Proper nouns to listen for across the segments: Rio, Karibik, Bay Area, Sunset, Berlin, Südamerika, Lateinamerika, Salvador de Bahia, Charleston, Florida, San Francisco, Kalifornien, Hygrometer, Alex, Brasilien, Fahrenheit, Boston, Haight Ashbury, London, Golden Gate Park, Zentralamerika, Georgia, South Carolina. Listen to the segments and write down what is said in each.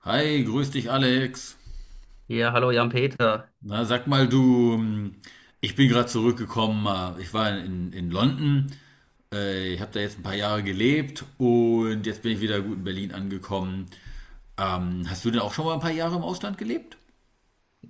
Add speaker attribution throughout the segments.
Speaker 1: Hi, grüß dich Alex.
Speaker 2: Ja, hallo Jan-Peter.
Speaker 1: Na, sag mal du, ich bin gerade zurückgekommen, ich war in London, ich habe da jetzt ein paar Jahre gelebt und jetzt bin ich wieder gut in Berlin angekommen. Hast du denn auch schon mal ein paar Jahre im Ausland gelebt?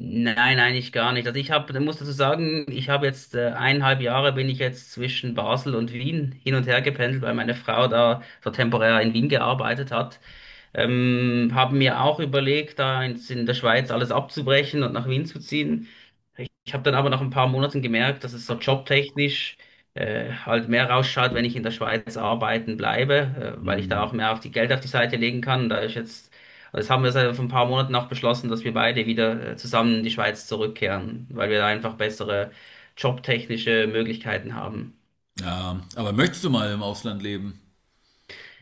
Speaker 2: Nein, eigentlich gar nicht. Also ich habe, muss dazu sagen, ich habe jetzt 1,5 Jahre bin ich jetzt zwischen Basel und Wien hin und her gependelt, weil meine Frau da so temporär in Wien gearbeitet hat. Habe mir auch überlegt, da in der Schweiz alles abzubrechen und nach Wien zu ziehen. Ich habe dann aber nach ein paar Monaten gemerkt, dass es so jobtechnisch halt mehr rausschaut, wenn ich in der Schweiz arbeiten bleibe, weil ich da
Speaker 1: Hm.
Speaker 2: auch mehr auf die Geld auf die Seite legen kann. Da ist jetzt, also das haben wir seit vor ein paar Monaten auch beschlossen, dass wir beide wieder zusammen in die Schweiz zurückkehren, weil wir da einfach bessere jobtechnische Möglichkeiten haben.
Speaker 1: Ja, aber möchtest du mal im Ausland leben?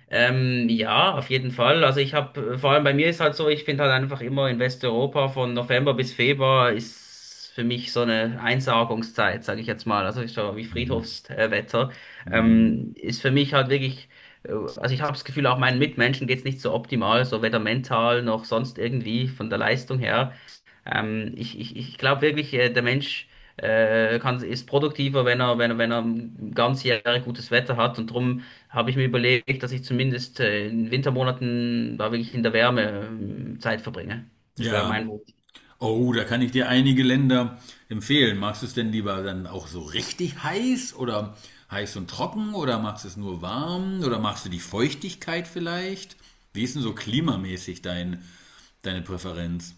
Speaker 2: Ja, auf jeden Fall. Also ich habe, vor allem bei mir ist halt so, ich finde halt einfach immer in Westeuropa von November bis Februar ist für mich so eine Einsargungszeit, sage ich jetzt mal. Also ist so wie
Speaker 1: Mhm.
Speaker 2: Friedhofswetter.
Speaker 1: Mhm.
Speaker 2: Ist für mich halt wirklich, also ich habe das Gefühl, auch meinen Mitmenschen geht's nicht so optimal, so weder mental noch sonst irgendwie von der Leistung her. Ich glaube wirklich, der Mensch kann, ist produktiver, wenn er ganz Jahre gutes Wetter hat. Und darum habe ich mir überlegt, dass ich zumindest in Wintermonaten da wirklich in der Wärme Zeit verbringe. Das wäre mein
Speaker 1: Ja,
Speaker 2: Wunsch.
Speaker 1: oh, da kann ich dir einige Länder empfehlen. Magst du es denn lieber dann auch so richtig heiß oder heiß und trocken oder magst du es nur warm oder magst du die Feuchtigkeit vielleicht? Wie ist denn so klimamäßig deine Präferenz?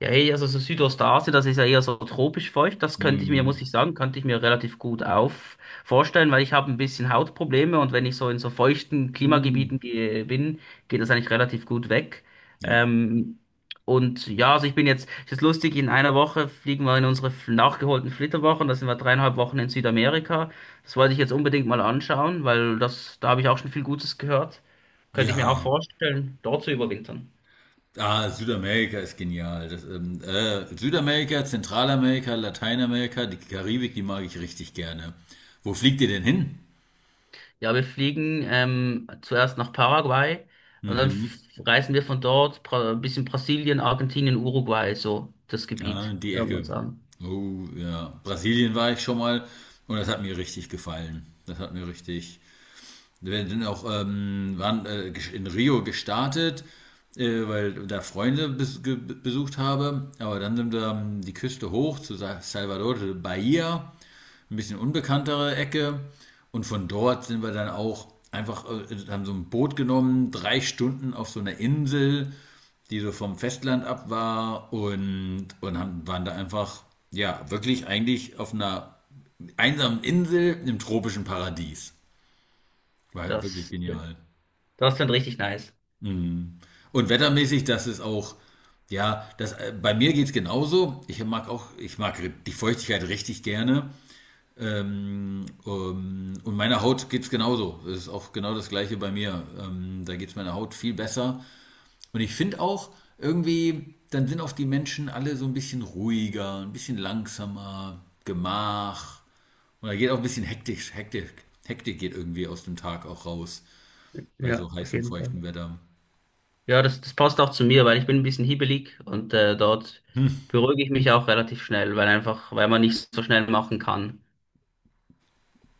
Speaker 2: Ja, hey, also so Südostasien, das ist ja eher so tropisch feucht. Das könnte ich mir, muss
Speaker 1: Mhm.
Speaker 2: ich sagen, könnte ich mir relativ gut auf vorstellen, weil ich habe ein bisschen Hautprobleme und wenn ich so in so feuchten
Speaker 1: Mhm.
Speaker 2: Klimagebieten gehe, geht das eigentlich relativ gut weg.
Speaker 1: Ja.
Speaker 2: Ähm, und ja, also ich bin jetzt, es ist lustig, in einer Woche fliegen wir in unsere nachgeholten Flitterwochen. Da sind wir 3,5 Wochen in Südamerika. Das wollte ich jetzt unbedingt mal anschauen, weil das, da habe ich auch schon viel Gutes gehört. Könnte ich mir auch
Speaker 1: Ja.
Speaker 2: vorstellen, dort zu überwintern.
Speaker 1: Ah, Südamerika ist genial. Südamerika, Zentralamerika, Lateinamerika, die Karibik, die mag ich richtig gerne. Wo fliegt ihr denn hin?
Speaker 2: Ja, wir fliegen zuerst nach Paraguay und dann
Speaker 1: Mhm.
Speaker 2: reisen wir von dort ein bisschen Brasilien, Argentinien, Uruguay, so das
Speaker 1: Ja,
Speaker 2: Gebiet.
Speaker 1: die
Speaker 2: Schauen wir
Speaker 1: Ecke.
Speaker 2: uns an.
Speaker 1: Oh ja. Brasilien war ich schon mal und das hat mir richtig gefallen. Das hat mir richtig. Wir sind auch in Rio gestartet, weil da Freunde besucht habe. Aber dann sind wir die Küste hoch zu Salvador de Bahia, ein bisschen unbekanntere Ecke. Und von dort sind wir dann auch einfach, haben so ein Boot genommen, 3 Stunden auf so einer Insel, die so vom Festland ab war und waren da einfach, ja, wirklich eigentlich auf einer einsamen Insel im tropischen Paradies. War ja wirklich
Speaker 2: Das,
Speaker 1: genial.
Speaker 2: das klingt richtig nice.
Speaker 1: Und wettermäßig, das ist auch, ja, bei mir geht es genauso. Ich mag auch, ich mag die Feuchtigkeit richtig gerne. Und meiner Haut geht es genauso. Es ist auch genau das gleiche bei mir. Da geht es meiner Haut viel besser. Und ich finde auch irgendwie, dann sind auch die Menschen alle so ein bisschen ruhiger, ein bisschen langsamer, gemach. Und da geht auch ein bisschen hektisch, hektisch. Hektik geht irgendwie aus dem Tag auch raus, bei so
Speaker 2: Ja, auf
Speaker 1: heißem,
Speaker 2: jeden Fall.
Speaker 1: feuchten Wetter.
Speaker 2: Ja, das passt auch zu mir, weil ich bin ein bisschen hibbelig und dort
Speaker 1: Hm.
Speaker 2: beruhige ich mich auch relativ schnell, weil einfach, weil man nicht so schnell machen kann.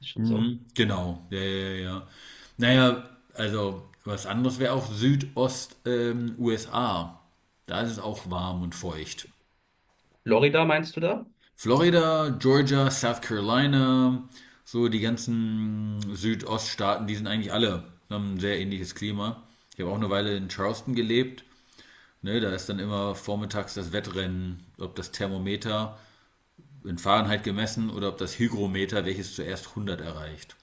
Speaker 2: Ist schon so.
Speaker 1: Mhm. Genau, ja, ja, ja, ja. Naja, also was anderes wäre auch Südost, USA. Da ist es auch warm und feucht.
Speaker 2: Florida meinst du da?
Speaker 1: Florida, Georgia, South Carolina, so die ganzen Südoststaaten, die sind eigentlich alle, haben ein sehr ähnliches Klima. Ich habe auch eine Weile in Charleston gelebt. Ne, da ist dann immer vormittags das Wettrennen, ob das Thermometer in Fahrenheit gemessen oder ob das Hygrometer, welches zuerst 100 erreicht.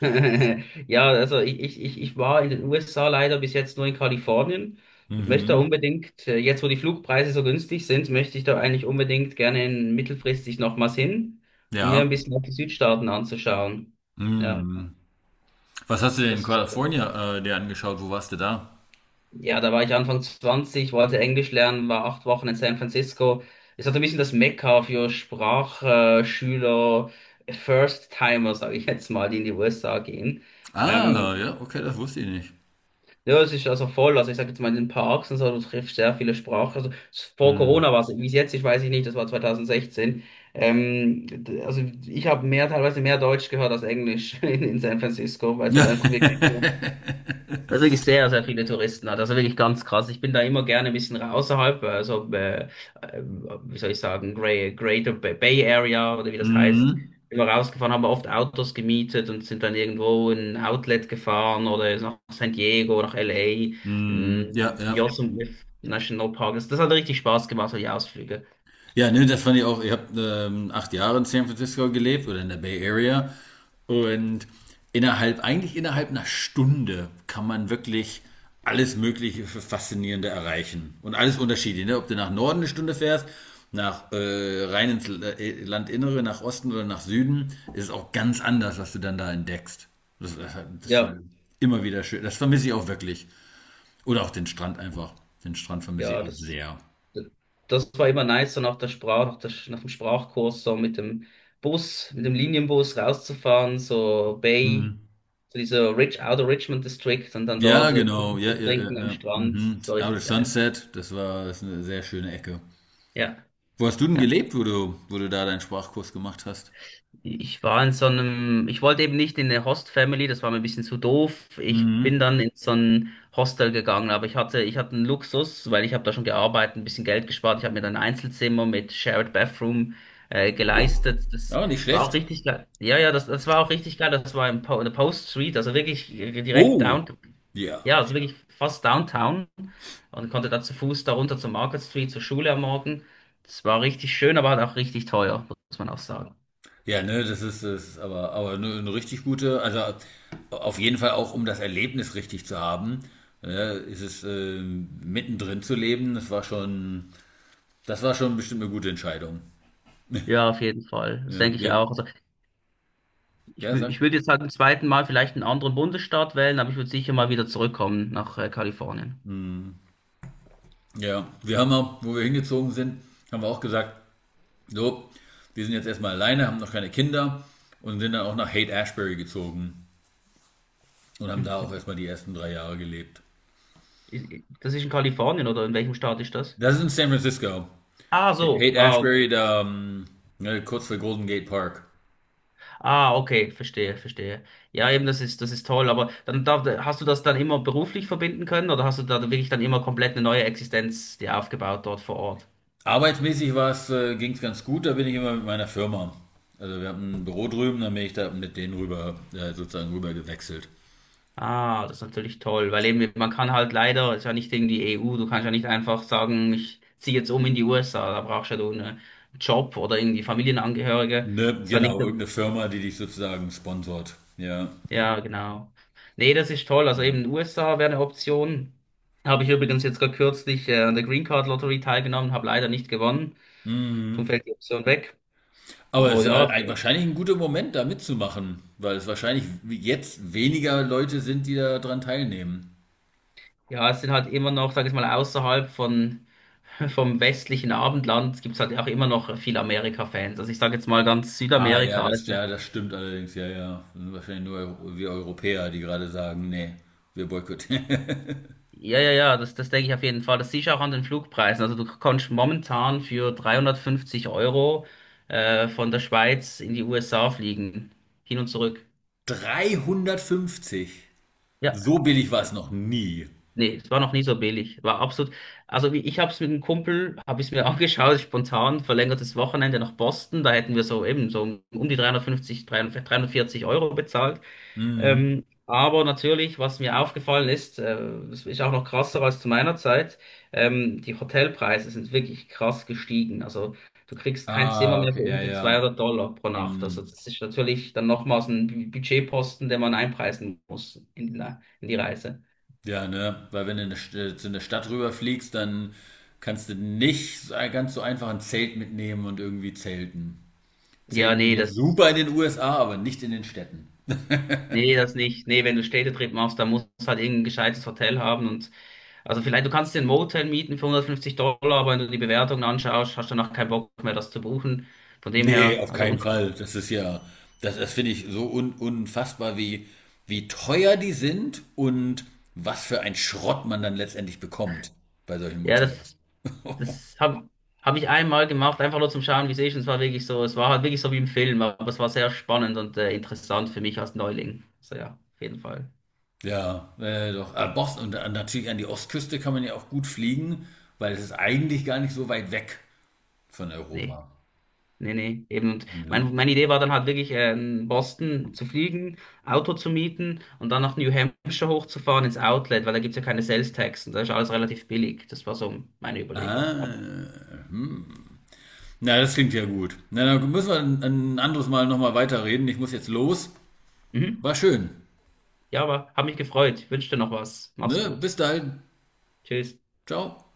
Speaker 2: Ja, also ich war in den USA leider bis jetzt nur in Kalifornien. Möchte da
Speaker 1: Mhm.
Speaker 2: unbedingt, jetzt wo die Flugpreise so günstig sind, möchte ich da eigentlich unbedingt gerne mittelfristig nochmals hin, um mir ein
Speaker 1: Ja.
Speaker 2: bisschen auch die Südstaaten anzuschauen. Ja,
Speaker 1: Hm. Was hast du denn in
Speaker 2: das,
Speaker 1: Kalifornien dir angeschaut? Wo warst du da?
Speaker 2: ja, da war ich Anfang 20, wollte Englisch lernen, war 8 Wochen in San Francisco. Ist halt ein bisschen das Mekka für Sprachschüler, First-Timer, sage ich jetzt mal, die in die USA gehen.
Speaker 1: Ah,
Speaker 2: Ähm,
Speaker 1: ja, okay, das wusste ich nicht.
Speaker 2: Ja, es ist also voll. Also ich sage jetzt mal in den Parks und so, du triffst sehr viele Sprachen. Also vor
Speaker 1: Hm.
Speaker 2: Corona war es, wie es jetzt ist, weiß ich nicht, das war 2016. Also ich habe mehr, teilweise mehr Deutsch gehört als Englisch in San Francisco, weil es halt einfach wirklich so weil es wirklich sehr, sehr viele Touristen hat. Also wirklich ganz krass. Ich bin da immer gerne ein bisschen außerhalb, also äh, wie soll ich sagen, Greater Bay Area oder wie das heißt.
Speaker 1: Mhm.
Speaker 2: Bin mal rausgefahren, haben wir oft Autos gemietet und sind dann irgendwo in ein Outlet gefahren oder nach San Diego, nach LA, mh,
Speaker 1: Hm, ja, ja.
Speaker 2: Yosemite National Park. Das, das hat richtig Spaß gemacht, so die Ausflüge.
Speaker 1: Ja, ne, das fand ich auch. Ich habe 8 Jahre in San Francisco gelebt oder in der Bay Area. Und innerhalb, eigentlich innerhalb einer Stunde kann man wirklich alles Mögliche für Faszinierende erreichen. Und alles unterschiedlich, ne? Ob du nach Norden eine Stunde fährst, nach rein ins Landinnere, nach Osten oder nach Süden, ist es auch ganz anders, was du dann da entdeckst. Das, das, das fand
Speaker 2: Ja,
Speaker 1: ich immer wieder schön. Das vermisse ich auch wirklich. Oder auch den Strand einfach. Den Strand vermisse ich
Speaker 2: ja,
Speaker 1: auch
Speaker 2: das.
Speaker 1: sehr.
Speaker 2: Das war immer nice, so nach der Sprach, nach der, nach dem Sprachkurs, so mit dem Linienbus rauszufahren, so Bay, so dieser Rich, Outer Richmond District und dann
Speaker 1: Ja,
Speaker 2: dort
Speaker 1: genau.
Speaker 2: Kaffee
Speaker 1: Ja,
Speaker 2: zu
Speaker 1: ja,
Speaker 2: trinken
Speaker 1: ja,
Speaker 2: am
Speaker 1: ja.
Speaker 2: Strand.
Speaker 1: Mhm.
Speaker 2: Das war
Speaker 1: Out of
Speaker 2: richtig geil.
Speaker 1: Sunset, das ist eine sehr schöne Ecke.
Speaker 2: Ja.
Speaker 1: Wo hast du denn gelebt, wo du da deinen Sprachkurs gemacht hast?
Speaker 2: Ich war in so einem, ich wollte eben nicht in eine Host-Family, das war mir ein bisschen zu doof. Ich bin
Speaker 1: Mhm.
Speaker 2: dann in so ein Hostel gegangen, aber ich hatte einen Luxus, weil ich habe da schon gearbeitet, ein bisschen Geld gespart. Ich habe mir dann ein Einzelzimmer mit Shared Bathroom geleistet. Das
Speaker 1: Ja, nicht
Speaker 2: war auch
Speaker 1: schlecht.
Speaker 2: richtig geil. Ja, ja, das war auch richtig geil. Das war in der Post Street, also wirklich direkt
Speaker 1: Oh,
Speaker 2: downtown. Ja,
Speaker 1: ja.
Speaker 2: also wirklich fast downtown und konnte da zu Fuß da runter zur Market Street, zur Schule am Morgen. Das war richtig schön, aber halt auch richtig teuer, muss man auch sagen.
Speaker 1: Ja, ne, das ist es, aber eine richtig gute, also auf jeden Fall auch, um das Erlebnis richtig zu haben, ne, ist es mittendrin zu leben, das war schon bestimmt eine gute Entscheidung.
Speaker 2: Ja, auf jeden Fall. Das
Speaker 1: Ja,
Speaker 2: denke ich auch.
Speaker 1: wir,
Speaker 2: Also
Speaker 1: ja,
Speaker 2: ich
Speaker 1: sag.
Speaker 2: würde jetzt halt zum zweiten Mal vielleicht einen anderen Bundesstaat wählen, aber ich würde sicher mal wieder zurückkommen nach Kalifornien.
Speaker 1: Ja, wir haben auch, wo wir hingezogen sind, haben wir auch gesagt, so, wir sind jetzt erstmal alleine, haben noch keine Kinder und sind dann auch nach Haight Ashbury gezogen und haben da auch
Speaker 2: Mhm.
Speaker 1: erstmal die ersten 3 Jahre gelebt.
Speaker 2: Ist- Das ist in Kalifornien oder in welchem Staat ist das?
Speaker 1: Das ist in San Francisco.
Speaker 2: Ah, so.
Speaker 1: Haight
Speaker 2: Ah,
Speaker 1: Ashbury,
Speaker 2: okay.
Speaker 1: da, ne, kurz vor Golden Gate Park.
Speaker 2: Ah, okay. Verstehe, verstehe. Ja, eben, das ist toll. Aber dann darf, hast du das dann immer beruflich verbinden können oder hast du da wirklich dann immer komplett eine neue Existenz dir aufgebaut dort vor Ort?
Speaker 1: Arbeitsmäßig ging es ganz gut, da bin ich immer mit meiner Firma. Also wir haben ein Büro drüben, dann bin ich da mit denen rüber, sozusagen rüber gewechselt.
Speaker 2: Ah, das ist natürlich toll, weil eben man kann halt leider, es ist ja nicht gegen die EU, du kannst ja nicht einfach sagen, ich ziehe jetzt um in die USA, da brauchst ja du einen Job oder irgendwie Familienangehörige.
Speaker 1: Ne,
Speaker 2: Das ist ja nicht,
Speaker 1: genau, irgendeine Firma, die dich sozusagen sponsort. Ja.
Speaker 2: ja, genau. Nee, das ist toll, also eben USA wäre eine Option. Habe ich übrigens jetzt gerade kürzlich an der Green Card Lottery teilgenommen, habe leider nicht gewonnen, darum
Speaker 1: Mhm.
Speaker 2: fällt die Option weg.
Speaker 1: Aber es
Speaker 2: Aber
Speaker 1: ist
Speaker 2: ja,
Speaker 1: wahrscheinlich ein guter Moment, da mitzumachen, weil es wahrscheinlich jetzt weniger Leute sind, die daran teilnehmen.
Speaker 2: Ja, es sind halt immer noch, sag ich mal, vom westlichen Abendland gibt es halt auch immer noch viele Amerika-Fans. Also ich sage jetzt mal ganz
Speaker 1: Ah
Speaker 2: Südamerika. Also,
Speaker 1: ja, das stimmt allerdings, ja, ja. Das sind wahrscheinlich nur wir Europäer, die gerade sagen, nee, wir boykottieren.
Speaker 2: ja, ja, ja, das denke ich auf jeden Fall. Das siehst du auch an den Flugpreisen. Also du kannst momentan für 350 Euro von der Schweiz in die USA fliegen. Hin und zurück.
Speaker 1: 350? So
Speaker 2: Ja.
Speaker 1: billig war es noch nie.
Speaker 2: Nee, es war noch nie so billig. War absolut. Also wie ich habe es mit einem Kumpel, habe ich mir angeschaut, spontan, verlängertes Wochenende nach Boston. Da hätten wir so eben so um die 350, 300 340 Euro bezahlt.
Speaker 1: Mhm.
Speaker 2: Aber natürlich, was mir aufgefallen ist, das ist auch noch krasser als zu meiner Zeit, die Hotelpreise sind wirklich krass gestiegen. Also du kriegst kein Zimmer
Speaker 1: Ah,
Speaker 2: mehr für
Speaker 1: okay, ja,
Speaker 2: unter
Speaker 1: ja.
Speaker 2: 200 Dollar pro Nacht. Also
Speaker 1: Mhm.
Speaker 2: das ist natürlich dann nochmals ein Budgetposten, den man einpreisen muss in die Reise.
Speaker 1: Ja, ne? Weil wenn du in zu einer Stadt rüberfliegst, dann kannst du nicht so- ganz so einfach ein Zelt mitnehmen und irgendwie zelten.
Speaker 2: Ja,
Speaker 1: Zelten geht
Speaker 2: nee,
Speaker 1: jetzt
Speaker 2: das.
Speaker 1: super in den USA, aber nicht in den Städten.
Speaker 2: Nee, das nicht. Nee, wenn du Städtetrip machst, dann musst du halt irgendein gescheites Hotel haben und also vielleicht, du kannst dir ein Motel mieten für 150 Dollar, aber wenn du die Bewertungen anschaust, hast du danach keinen Bock mehr, das zu buchen. Von dem
Speaker 1: Nee,
Speaker 2: her,
Speaker 1: auf
Speaker 2: also
Speaker 1: keinen
Speaker 2: unter,
Speaker 1: Fall. Das ist ja, das finde ich so unfassbar, wie, wie teuer die sind und was für ein Schrott man dann letztendlich bekommt bei solchen
Speaker 2: ja, das,
Speaker 1: Motels.
Speaker 2: das habe hab hab ich einmal gemacht, einfach nur zum Schauen, wie es ist. Und es war wirklich so, es war halt wirklich so wie im Film, aber es war sehr spannend und interessant für mich als Neuling. So ja, auf jeden Fall.
Speaker 1: Ja, doch. Ah, Boston und natürlich an die Ostküste kann man ja auch gut fliegen, weil es ist eigentlich gar nicht so weit weg von
Speaker 2: Nee.
Speaker 1: Europa.
Speaker 2: Nee, nee, eben. Und
Speaker 1: Mhm.
Speaker 2: meine Idee war dann halt wirklich, in Boston zu fliegen, Auto zu mieten und dann nach New Hampshire hochzufahren ins Outlet, weil da gibt's ja keine Sales Tax und da ist alles relativ billig. Das war so meine Überlegung. Aber,
Speaker 1: Ah, na, das klingt ja gut. Na, dann müssen wir ein anderes Mal nochmal weiterreden. Ich muss jetzt los.
Speaker 2: mhm.
Speaker 1: War schön.
Speaker 2: Ja, aber hab mich gefreut. Wünsche dir noch was. Mach's
Speaker 1: Ne?
Speaker 2: gut.
Speaker 1: Bis dahin.
Speaker 2: Tschüss.
Speaker 1: Ciao.